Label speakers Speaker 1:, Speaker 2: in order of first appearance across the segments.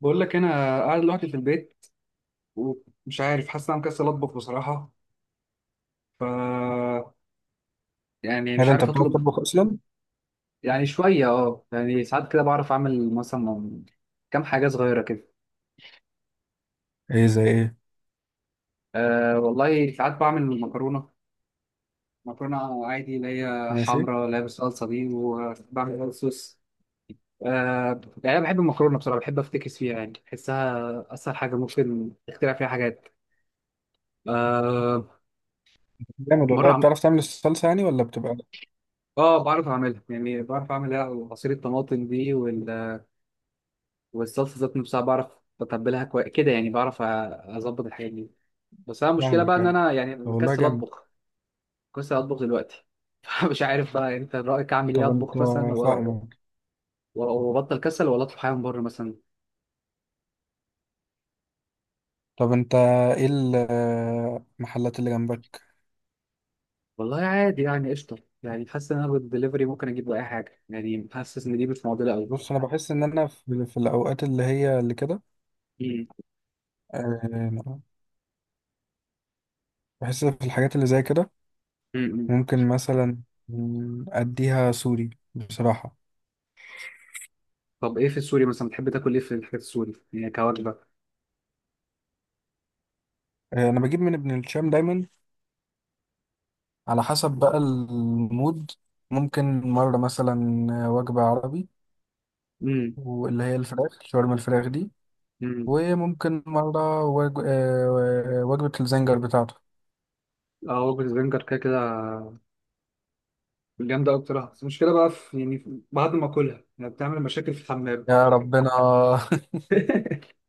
Speaker 1: بقول لك انا قاعد لوحدي في البيت، ومش عارف، حاسس ان انا مكسل اطبخ بصراحه. ف يعني
Speaker 2: ايه
Speaker 1: مش
Speaker 2: ده، انت
Speaker 1: عارف
Speaker 2: بتعرف
Speaker 1: اطلب.
Speaker 2: تطبخ اصلا؟
Speaker 1: يعني شويه، اه يعني ساعات كده بعرف اعمل مثلا كام حاجه صغيره كده.
Speaker 2: ايه زي ايه؟
Speaker 1: أه والله ساعات بعمل مكرونه، مكرونه عادي اللي هي
Speaker 2: ماشي.
Speaker 1: حمراء اللي هي بالصلصه دي، وبعمل وايت صوص. أه، يعني انا بحب المكرونه بصراحه، بحب افتكس فيها، يعني بحسها اسهل حاجه ممكن اخترع فيها حاجات. أه.
Speaker 2: جامد والله.
Speaker 1: مره.
Speaker 2: بتعرف تعمل الصلصه يعني، ولا بتبقى؟
Speaker 1: اه بعرف اعملها، يعني بعرف اعمل إيه؟ عصير الطماطم دي والصلصه ذات نفسها بعرف اتبلها كويس كده، يعني بعرف اظبط الحاجات دي. بس انا المشكله بقى
Speaker 2: فاهمك
Speaker 1: ان
Speaker 2: يعني.
Speaker 1: انا يعني
Speaker 2: طب والله
Speaker 1: مكسل
Speaker 2: جامد.
Speaker 1: اطبخ، مكسل اطبخ دلوقتي. فمش عارف بقى، انت رايك اعمل ايه؟
Speaker 2: طب انت،
Speaker 1: اطبخ مثلا
Speaker 2: فاهمك.
Speaker 1: وابطل كسل، ولا اطلب حاجه من بره مثلا؟
Speaker 2: طب انت، ايه المحلات اللي جنبك؟
Speaker 1: والله عادي يعني، قشطه. يعني حاسس ان انا بالدليفري ممكن اجيب اي حاجه، يعني حاسس ان دي مش معضله قوي.
Speaker 2: بص، انا بحس ان انا في الاوقات اللي هي اللي كده.
Speaker 1: مم.
Speaker 2: آه، بحس في الحاجات اللي زي كده
Speaker 1: مم.
Speaker 2: ممكن مثلا، اديها سوري بصراحه.
Speaker 1: طب ايه في السوري مثلا؟ بتحب تاكل ايه في الحاجات السوري يعني كوجبه؟
Speaker 2: انا بجيب من ابن الشام دايما، على حسب بقى المود. ممكن مره مثلا وجبه عربي، واللي هي الفراخ شاورما الفراخ دي.
Speaker 1: امم.
Speaker 2: وممكن مرة وج... آه، وجبة الزنجر بتاعته.
Speaker 1: اه، وجبة برجر كده كده جامدة أوي بصراحة، بس المشكلة بقى في، يعني بعد ما أكلها يعني بتعمل مشاكل في الحمام.
Speaker 2: يا ربنا.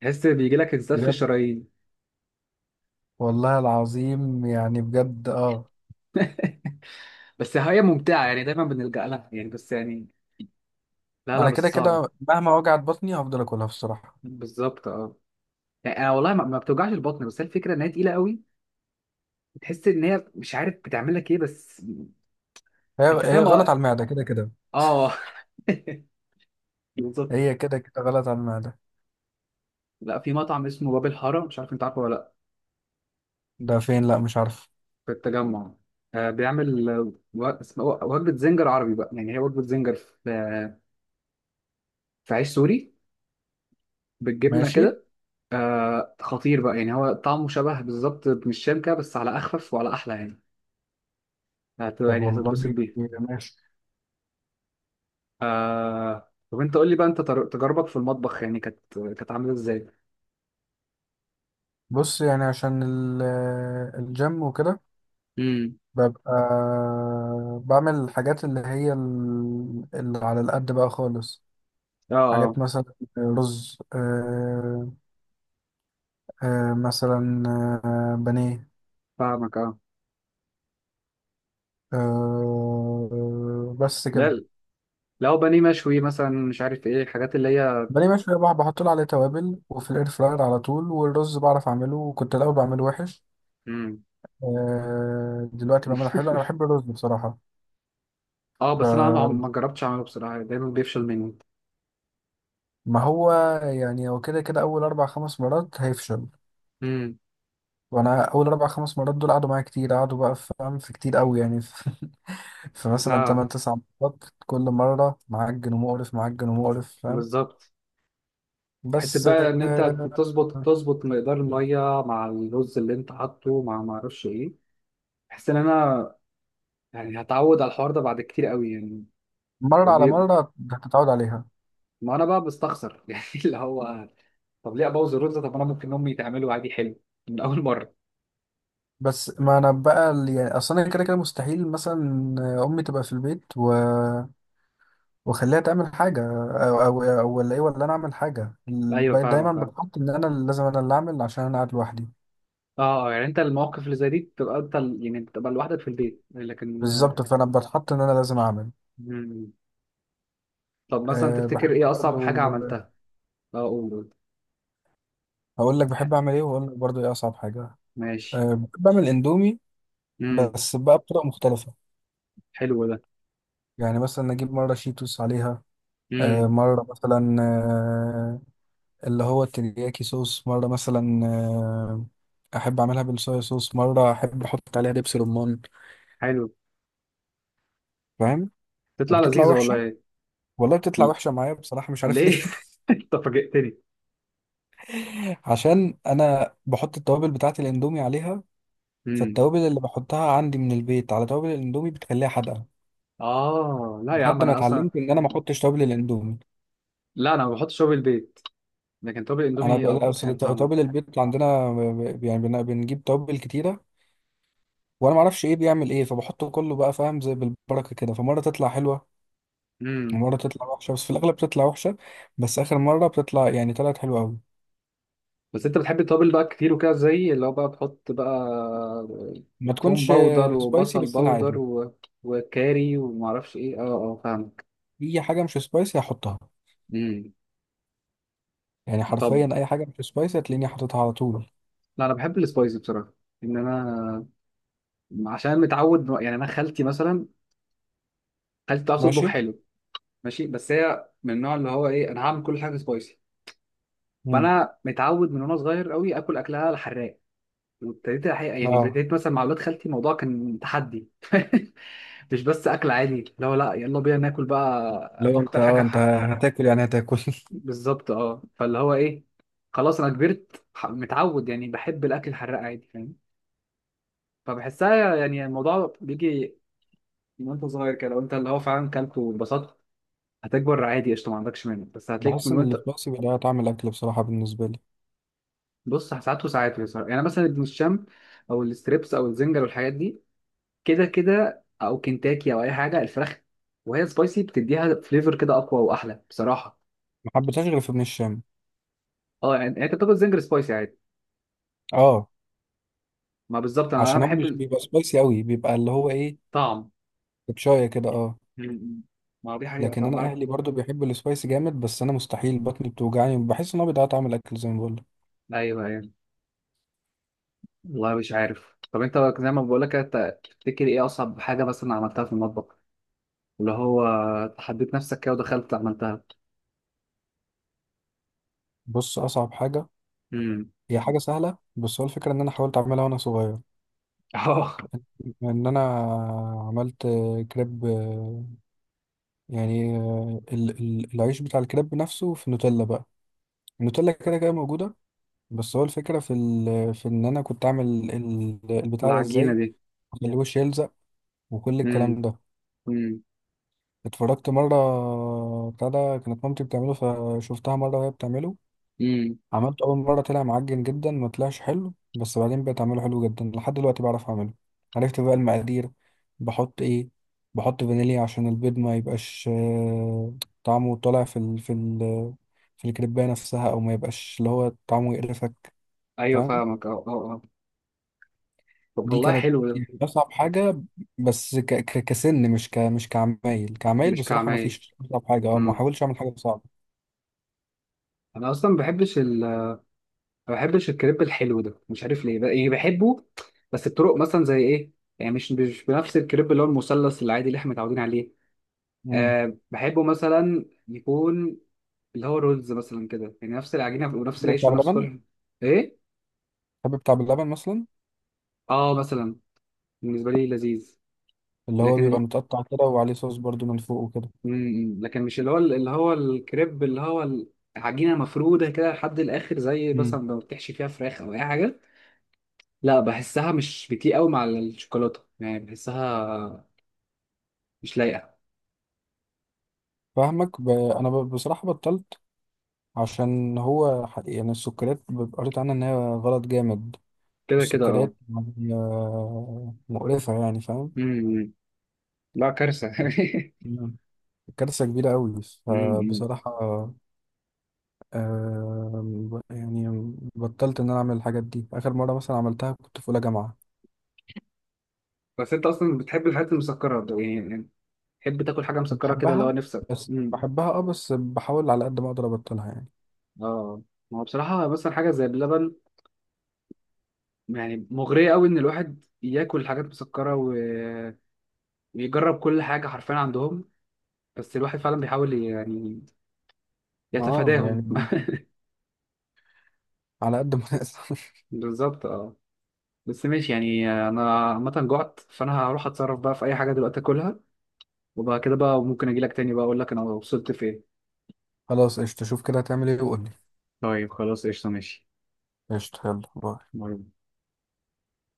Speaker 1: تحس بيجي لك انزلاف في
Speaker 2: بجد،
Speaker 1: الشرايين.
Speaker 2: والله العظيم يعني بجد، اه.
Speaker 1: بس هي ممتعة يعني، دايما بنلجأ لها يعني، بس يعني لا لا
Speaker 2: انا كده
Speaker 1: بس
Speaker 2: كده
Speaker 1: صعبة.
Speaker 2: مهما وجعت بطني، هفضل اكلها بصراحة.
Speaker 1: بالظبط، اه. يعني أنا والله ما بتوجعش البطن، بس هي الفكرة إن هي تقيلة قوي. بتحس إن هي مش عارف بتعمل لك إيه بس.
Speaker 2: هي
Speaker 1: أنت
Speaker 2: هي
Speaker 1: فاهم،
Speaker 2: غلط
Speaker 1: اه.
Speaker 2: على المعدة كده كده.
Speaker 1: آه. بالظبط.
Speaker 2: هي كده كده غلط على المعدة.
Speaker 1: لا، في مطعم اسمه باب الحارة، مش عارف أنت عارفه ولا لأ.
Speaker 2: ده فين؟ لا، مش عارف.
Speaker 1: في التجمع. آه، بيعمل، وجبة زنجر عربي بقى، يعني هي وجبة زنجر في في عيش سوري بالجبنة
Speaker 2: ماشي.
Speaker 1: كده. آه، خطير بقى يعني، هو طعمه شبه بالظبط من الشام كده، بس على أخفف وعلى أحلى يعني.
Speaker 2: طب
Speaker 1: يعني
Speaker 2: والله.
Speaker 1: هتتبسط بيه.
Speaker 2: ماشي.
Speaker 1: آه، طب أنت قول لي بقى، أنت تجاربك في المطبخ يعني كانت، كانت عاملة إزاي؟
Speaker 2: بص يعني، عشان الجيم وكده،
Speaker 1: امم.
Speaker 2: ببقى بعمل الحاجات اللي هي اللي على القد بقى خالص.
Speaker 1: اه
Speaker 2: حاجات
Speaker 1: اه
Speaker 2: مثلا رز، مثلا، بانيه.
Speaker 1: فاهمك، اه.
Speaker 2: بس كده.
Speaker 1: لا، لو بانيه مشوي مثلا مش عارف ايه الحاجات اللي هي.
Speaker 2: بانيه مشوي بقى بحط له عليه توابل، وفي الاير فراير على طول. والرز بعرف اعمله، وكنت الاول بعمله وحش.
Speaker 1: امم.
Speaker 2: دلوقتي بعمله حلو. انا بحب الرز بصراحة.
Speaker 1: اه، بس انا ما
Speaker 2: ف-
Speaker 1: جربتش اعمله بصراحه، دايما بيفشل مني.
Speaker 2: ما هو، يعني هو كده كده اول اربع خمس مرات هيفشل.
Speaker 1: امم.
Speaker 2: وانا اول اربع خمس مرات دول قعدوا معايا كتير، قعدوا بقى فاهم، في كتير قوي يعني، في. فمثلا
Speaker 1: لا.
Speaker 2: تمن تسع مرات، كل مره معجن ومقرف، معجن ومقرف فاهم.
Speaker 1: بالظبط. حته
Speaker 2: بس
Speaker 1: بقى ان انت
Speaker 2: آه،
Speaker 1: تظبط تظبط مقدار الميه مع الرز اللي انت حاطه، مع ما اعرفش ايه. بحس ان انا يعني هتعود على الحوار ده بعد كتير قوي يعني.
Speaker 2: مرة على
Speaker 1: وبي...
Speaker 2: مرة هتتعود عليها.
Speaker 1: ما انا بقى بستخسر يعني اللي هو، طب ليه ابوظ الرز؟ طب انا ممكن امي تعمله عادي حلو من اول مره.
Speaker 2: بس ما انا بقى يعني اصلا كده كده مستحيل مثلا امي تبقى في البيت واخليها تعمل حاجة، او ولا ايه، ولا انا اعمل حاجة.
Speaker 1: ايوه
Speaker 2: بقيت دايما
Speaker 1: فاهمك، اه.
Speaker 2: بتحط ان انا اللي لازم انا اللي اعمل، عشان انا قاعد لوحدي.
Speaker 1: اه، يعني انت المواقف اللي زي دي بتبقى انت يعني بتبقى لوحدك في البيت، لكن آه.
Speaker 2: بالظبط، فانا بتحط ان انا لازم اعمل.
Speaker 1: مم. طب مثلا
Speaker 2: أه،
Speaker 1: تفتكر
Speaker 2: بحب
Speaker 1: ايه اصعب
Speaker 2: برضو.
Speaker 1: حاجه عملتها؟ اه قول قول.
Speaker 2: هقول لك بحب أعمل إيه، وأقول لك برضو إيه أصعب حاجة.
Speaker 1: ماشي.
Speaker 2: أه، بحب أعمل إندومي،
Speaker 1: امم.
Speaker 2: بس بقى بطرق مختلفة.
Speaker 1: حلو ده.
Speaker 2: يعني مثلا أجيب مرة شيتوس عليها، أه،
Speaker 1: امم.
Speaker 2: مرة مثلا، أه، اللي هو الترياكي صوص، مرة مثلا، أه، أحب أعملها بالصويا صوص، مرة أحب أحط عليها دبس رمان،
Speaker 1: حلو،
Speaker 2: فاهم.
Speaker 1: تطلع
Speaker 2: وبتطلع
Speaker 1: لذيذة
Speaker 2: وحشة.
Speaker 1: والله.
Speaker 2: والله بتطلع وحشة معايا بصراحة، مش عارف ليه.
Speaker 1: ليه؟ انت فاجئتني.
Speaker 2: عشان انا بحط التوابل بتاعت الاندومي عليها.
Speaker 1: امم.
Speaker 2: فالتوابل اللي بحطها عندي من البيت على توابل الاندومي بتخليها حادقه،
Speaker 1: اه لا يا عم،
Speaker 2: لحد ما
Speaker 1: انا اصلا،
Speaker 2: اتعلمت ان انا ما احطش توابل الاندومي.
Speaker 1: لا انا ما بحطش توابل البيت، لكن توابل
Speaker 2: انا
Speaker 1: الاندومي اه
Speaker 2: اصل
Speaker 1: بحب طعمها.
Speaker 2: توابل البيت عندنا يعني بنجيب توابل كتيره، وانا ما اعرفش ايه بيعمل ايه، فبحط كله بقى فاهم، زي بالبركه كده، فمره تطلع حلوه
Speaker 1: امم.
Speaker 2: ومره تطلع وحشه، بس في الاغلب بتطلع وحشه. بس اخر مره بتطلع يعني طلعت حلوه قوي.
Speaker 1: بس انت بتحب التوابل بقى كتير وكده، زي اللي هو بقى بتحط بقى
Speaker 2: ما
Speaker 1: توم
Speaker 2: تكونش
Speaker 1: باودر
Speaker 2: سبايسي،
Speaker 1: وبصل
Speaker 2: بس انا
Speaker 1: باودر
Speaker 2: عادي.
Speaker 1: و... وكاري ومعرفش ايه، اه. اه فاهمك.
Speaker 2: اي حاجه مش سبايسي هحطها.
Speaker 1: امم.
Speaker 2: يعني
Speaker 1: طب.
Speaker 2: حرفيا اي حاجه مش سبايسي هتلاقيني حاططها على طول.
Speaker 1: لا انا بحب السبايسي بصراحة، ان انا عشان متعود يعني. انا خالتي مثلا، خالتي بتعرف تطبخ
Speaker 2: ماشي.
Speaker 1: حلو. ماشي، بس هي من النوع اللي هو ايه، انا هعمل كل حاجه سبايسي.
Speaker 2: امم.
Speaker 1: فانا متعود من وانا صغير قوي اكل اكلها الحراق. وابتديت الحقيقه يعني،
Speaker 2: اه.
Speaker 1: ابتديت مثلا مع اولاد خالتي الموضوع كان تحدي. مش بس اكل عادي، لا لا يلا بينا ناكل بقى
Speaker 2: لو انت،
Speaker 1: اكتر
Speaker 2: اه،
Speaker 1: حاجه
Speaker 2: انت
Speaker 1: حق.
Speaker 2: هتاكل يعني هتاكل.
Speaker 1: بالظبط، اه. فاللي هو ايه، خلاص انا كبرت، متعود يعني، بحب الاكل الحراق عادي، فاهم. فبحسها يعني الموضوع بيجي من وانت صغير كده، لو انت اللي هو فعلا كلته واتبسطت هتكبر عادي، قشطه، ما عندكش منه، بس هتلاقيك من
Speaker 2: بحس ان
Speaker 1: وانت.
Speaker 2: السبايسي بيضيع طعم الاكل بصراحه بالنسبه لي.
Speaker 1: بص ساعات وساعات. يعني مثلا ابن الشام، او الستريبس او الزنجر والحاجات دي، كده كده او كنتاكي او اي حاجه الفراخ، وهي سبايسي بتديها فليفر كده اقوى واحلى بصراحه.
Speaker 2: ما حبيتهاش غير في ابن الشام.
Speaker 1: اه يعني، يعني انت بتاكل زنجر سبايسي عادي؟
Speaker 2: اه،
Speaker 1: ما بالظبط، انا
Speaker 2: عشان هو مش
Speaker 1: بحب
Speaker 2: بيبقى سبايسي قوي، بيبقى اللي هو ايه،
Speaker 1: الطعم.
Speaker 2: بشايه كده، اه.
Speaker 1: م- ما هو دي حقيقه
Speaker 2: لكن
Speaker 1: طعم.
Speaker 2: انا اهلي برضو بيحبوا السبايسي جامد، بس انا مستحيل، بطني بتوجعني، بحس ان هو بيضيع طعم الاكل زي ما بقول لك.
Speaker 1: ايوه، ايوه. والله مش عارف. طب انت زي ما بقول لك، انت تفتكر ايه اصعب حاجه مثلا عملتها في المطبخ؟ اللي هو حددت نفسك كده ودخلت عملتها.
Speaker 2: بص اصعب حاجه
Speaker 1: امم.
Speaker 2: هي حاجه سهله، بس هو الفكره ان انا حاولت اعملها وانا صغير.
Speaker 1: اه.
Speaker 2: ان انا عملت كريب، يعني، العيش بتاع الكريب نفسه في نوتيلا بقى. النوتيلا كده كده موجوده. بس هو الفكره في ان انا كنت اعمل البتاع ده
Speaker 1: العجينه
Speaker 2: ازاي،
Speaker 1: دي.
Speaker 2: اخليه وش يلزق وكل
Speaker 1: امم.
Speaker 2: الكلام ده.
Speaker 1: امم.
Speaker 2: اتفرجت مرة، بتاع ده كانت مامتي بتعمله، فشفتها مرة وهي بتعمله.
Speaker 1: امم.
Speaker 2: عملته أول مرة طلع معجن جدا، ما طلعش حلو، بس بعدين بقيت أعمله حلو جدا. لحد دلوقتي بعرف أعمله، عرفت بقى المقادير. بحط إيه؟ بحط فانيليا عشان البيض ما يبقاش، طعمه طالع في ال في الكريباية نفسها، أو ما يبقاش اللي هو طعمه يقرفك،
Speaker 1: ايوه
Speaker 2: فاهم.
Speaker 1: فاهمك، اه اه اه. طب
Speaker 2: دي
Speaker 1: والله
Speaker 2: كانت
Speaker 1: حلو ده.
Speaker 2: يعني أصعب حاجة. بس كسن، مش مش كعمايل
Speaker 1: مش
Speaker 2: بصراحة، ما
Speaker 1: كعمايل.
Speaker 2: فيش أصعب حاجة، أه ما حاولش أعمل حاجة صعبة.
Speaker 1: انا اصلا ما بحبش ما بحبش الكريب الحلو ده، مش عارف ليه بقى، يعني بحبه بس بطرق مثلا. زي ايه؟ يعني مش بنفس الكريب اللي هو المثلث العادي اللي احنا متعودين عليه.
Speaker 2: مم.
Speaker 1: أه بحبه مثلا يكون اللي هو رولز مثلا كده، يعني نفس العجينه ونفس
Speaker 2: تحب بتاع
Speaker 1: العيش ونفس
Speaker 2: باللبن؟
Speaker 1: كل. ايه.
Speaker 2: تحب بتاع باللبن مثلا؟
Speaker 1: اه مثلا. بالنسبه لي لذيذ.
Speaker 2: اللي هو
Speaker 1: لكن
Speaker 2: بيبقى
Speaker 1: ال...
Speaker 2: متقطع كده، وعليه صوص برضو من فوق وكده.
Speaker 1: لكن مش اللي هو، اللي هو الكريب اللي هو العجينه مفروده كده لحد الاخر، زي
Speaker 2: مم.
Speaker 1: مثلا لو بتحشي فيها فراخ او اي حاجه. لا بحسها مش بتليق قوي مع الشوكولاته يعني، بحسها مش لايقه.
Speaker 2: فاهمك، أنا بصراحة بطلت، عشان هو يعني السكريات قريت عنها إن هي غلط جامد.
Speaker 1: كده كده، اه.
Speaker 2: السكريات يعني، مقرفة يعني، فاهم.
Speaker 1: امم. إمم. لا كارثه.
Speaker 2: مم. كارثة كبيرة أوي
Speaker 1: امم.
Speaker 2: فبصراحة، يعني بطلت ان انا اعمل الحاجات دي. اخر مره مثلا عملتها كنت في اولى جامعه.
Speaker 1: بس انت اصلا بتحب الحاجات المسكره ده يعني، يعني تحب تاكل حاجه مسكره كده لو
Speaker 2: بحبها،
Speaker 1: نفسك؟
Speaker 2: بس
Speaker 1: امم.
Speaker 2: بحبها اه، بس بحاول على قد ما اقدر ابطلها يعني.
Speaker 1: اه ما هو بصراحه مثلا حاجه زي اللبن، يعني مغريه قوي ان الواحد ياكل حاجات مسكره و... ويجرب كل حاجه حرفيا عندهم. بس الواحد فعلا بيحاول يعني
Speaker 2: اه
Speaker 1: يتفاداهم.
Speaker 2: يعني، على قد ما اقدر.
Speaker 1: بالظبط، اه. بس ماشي يعني، انا عامه جعت، فانا هروح اتصرف بقى في اي حاجه دلوقتي اكلها، وبعد كده بقى ممكن اجي لك تاني بقى اقول لك انا وصلت فين.
Speaker 2: خلاص قشطه، شوف كده هتعمل ايه وقول لي.
Speaker 1: طيب خلاص، قشطة، ماشي.
Speaker 2: قشطه، يلا باي.
Speaker 1: باي.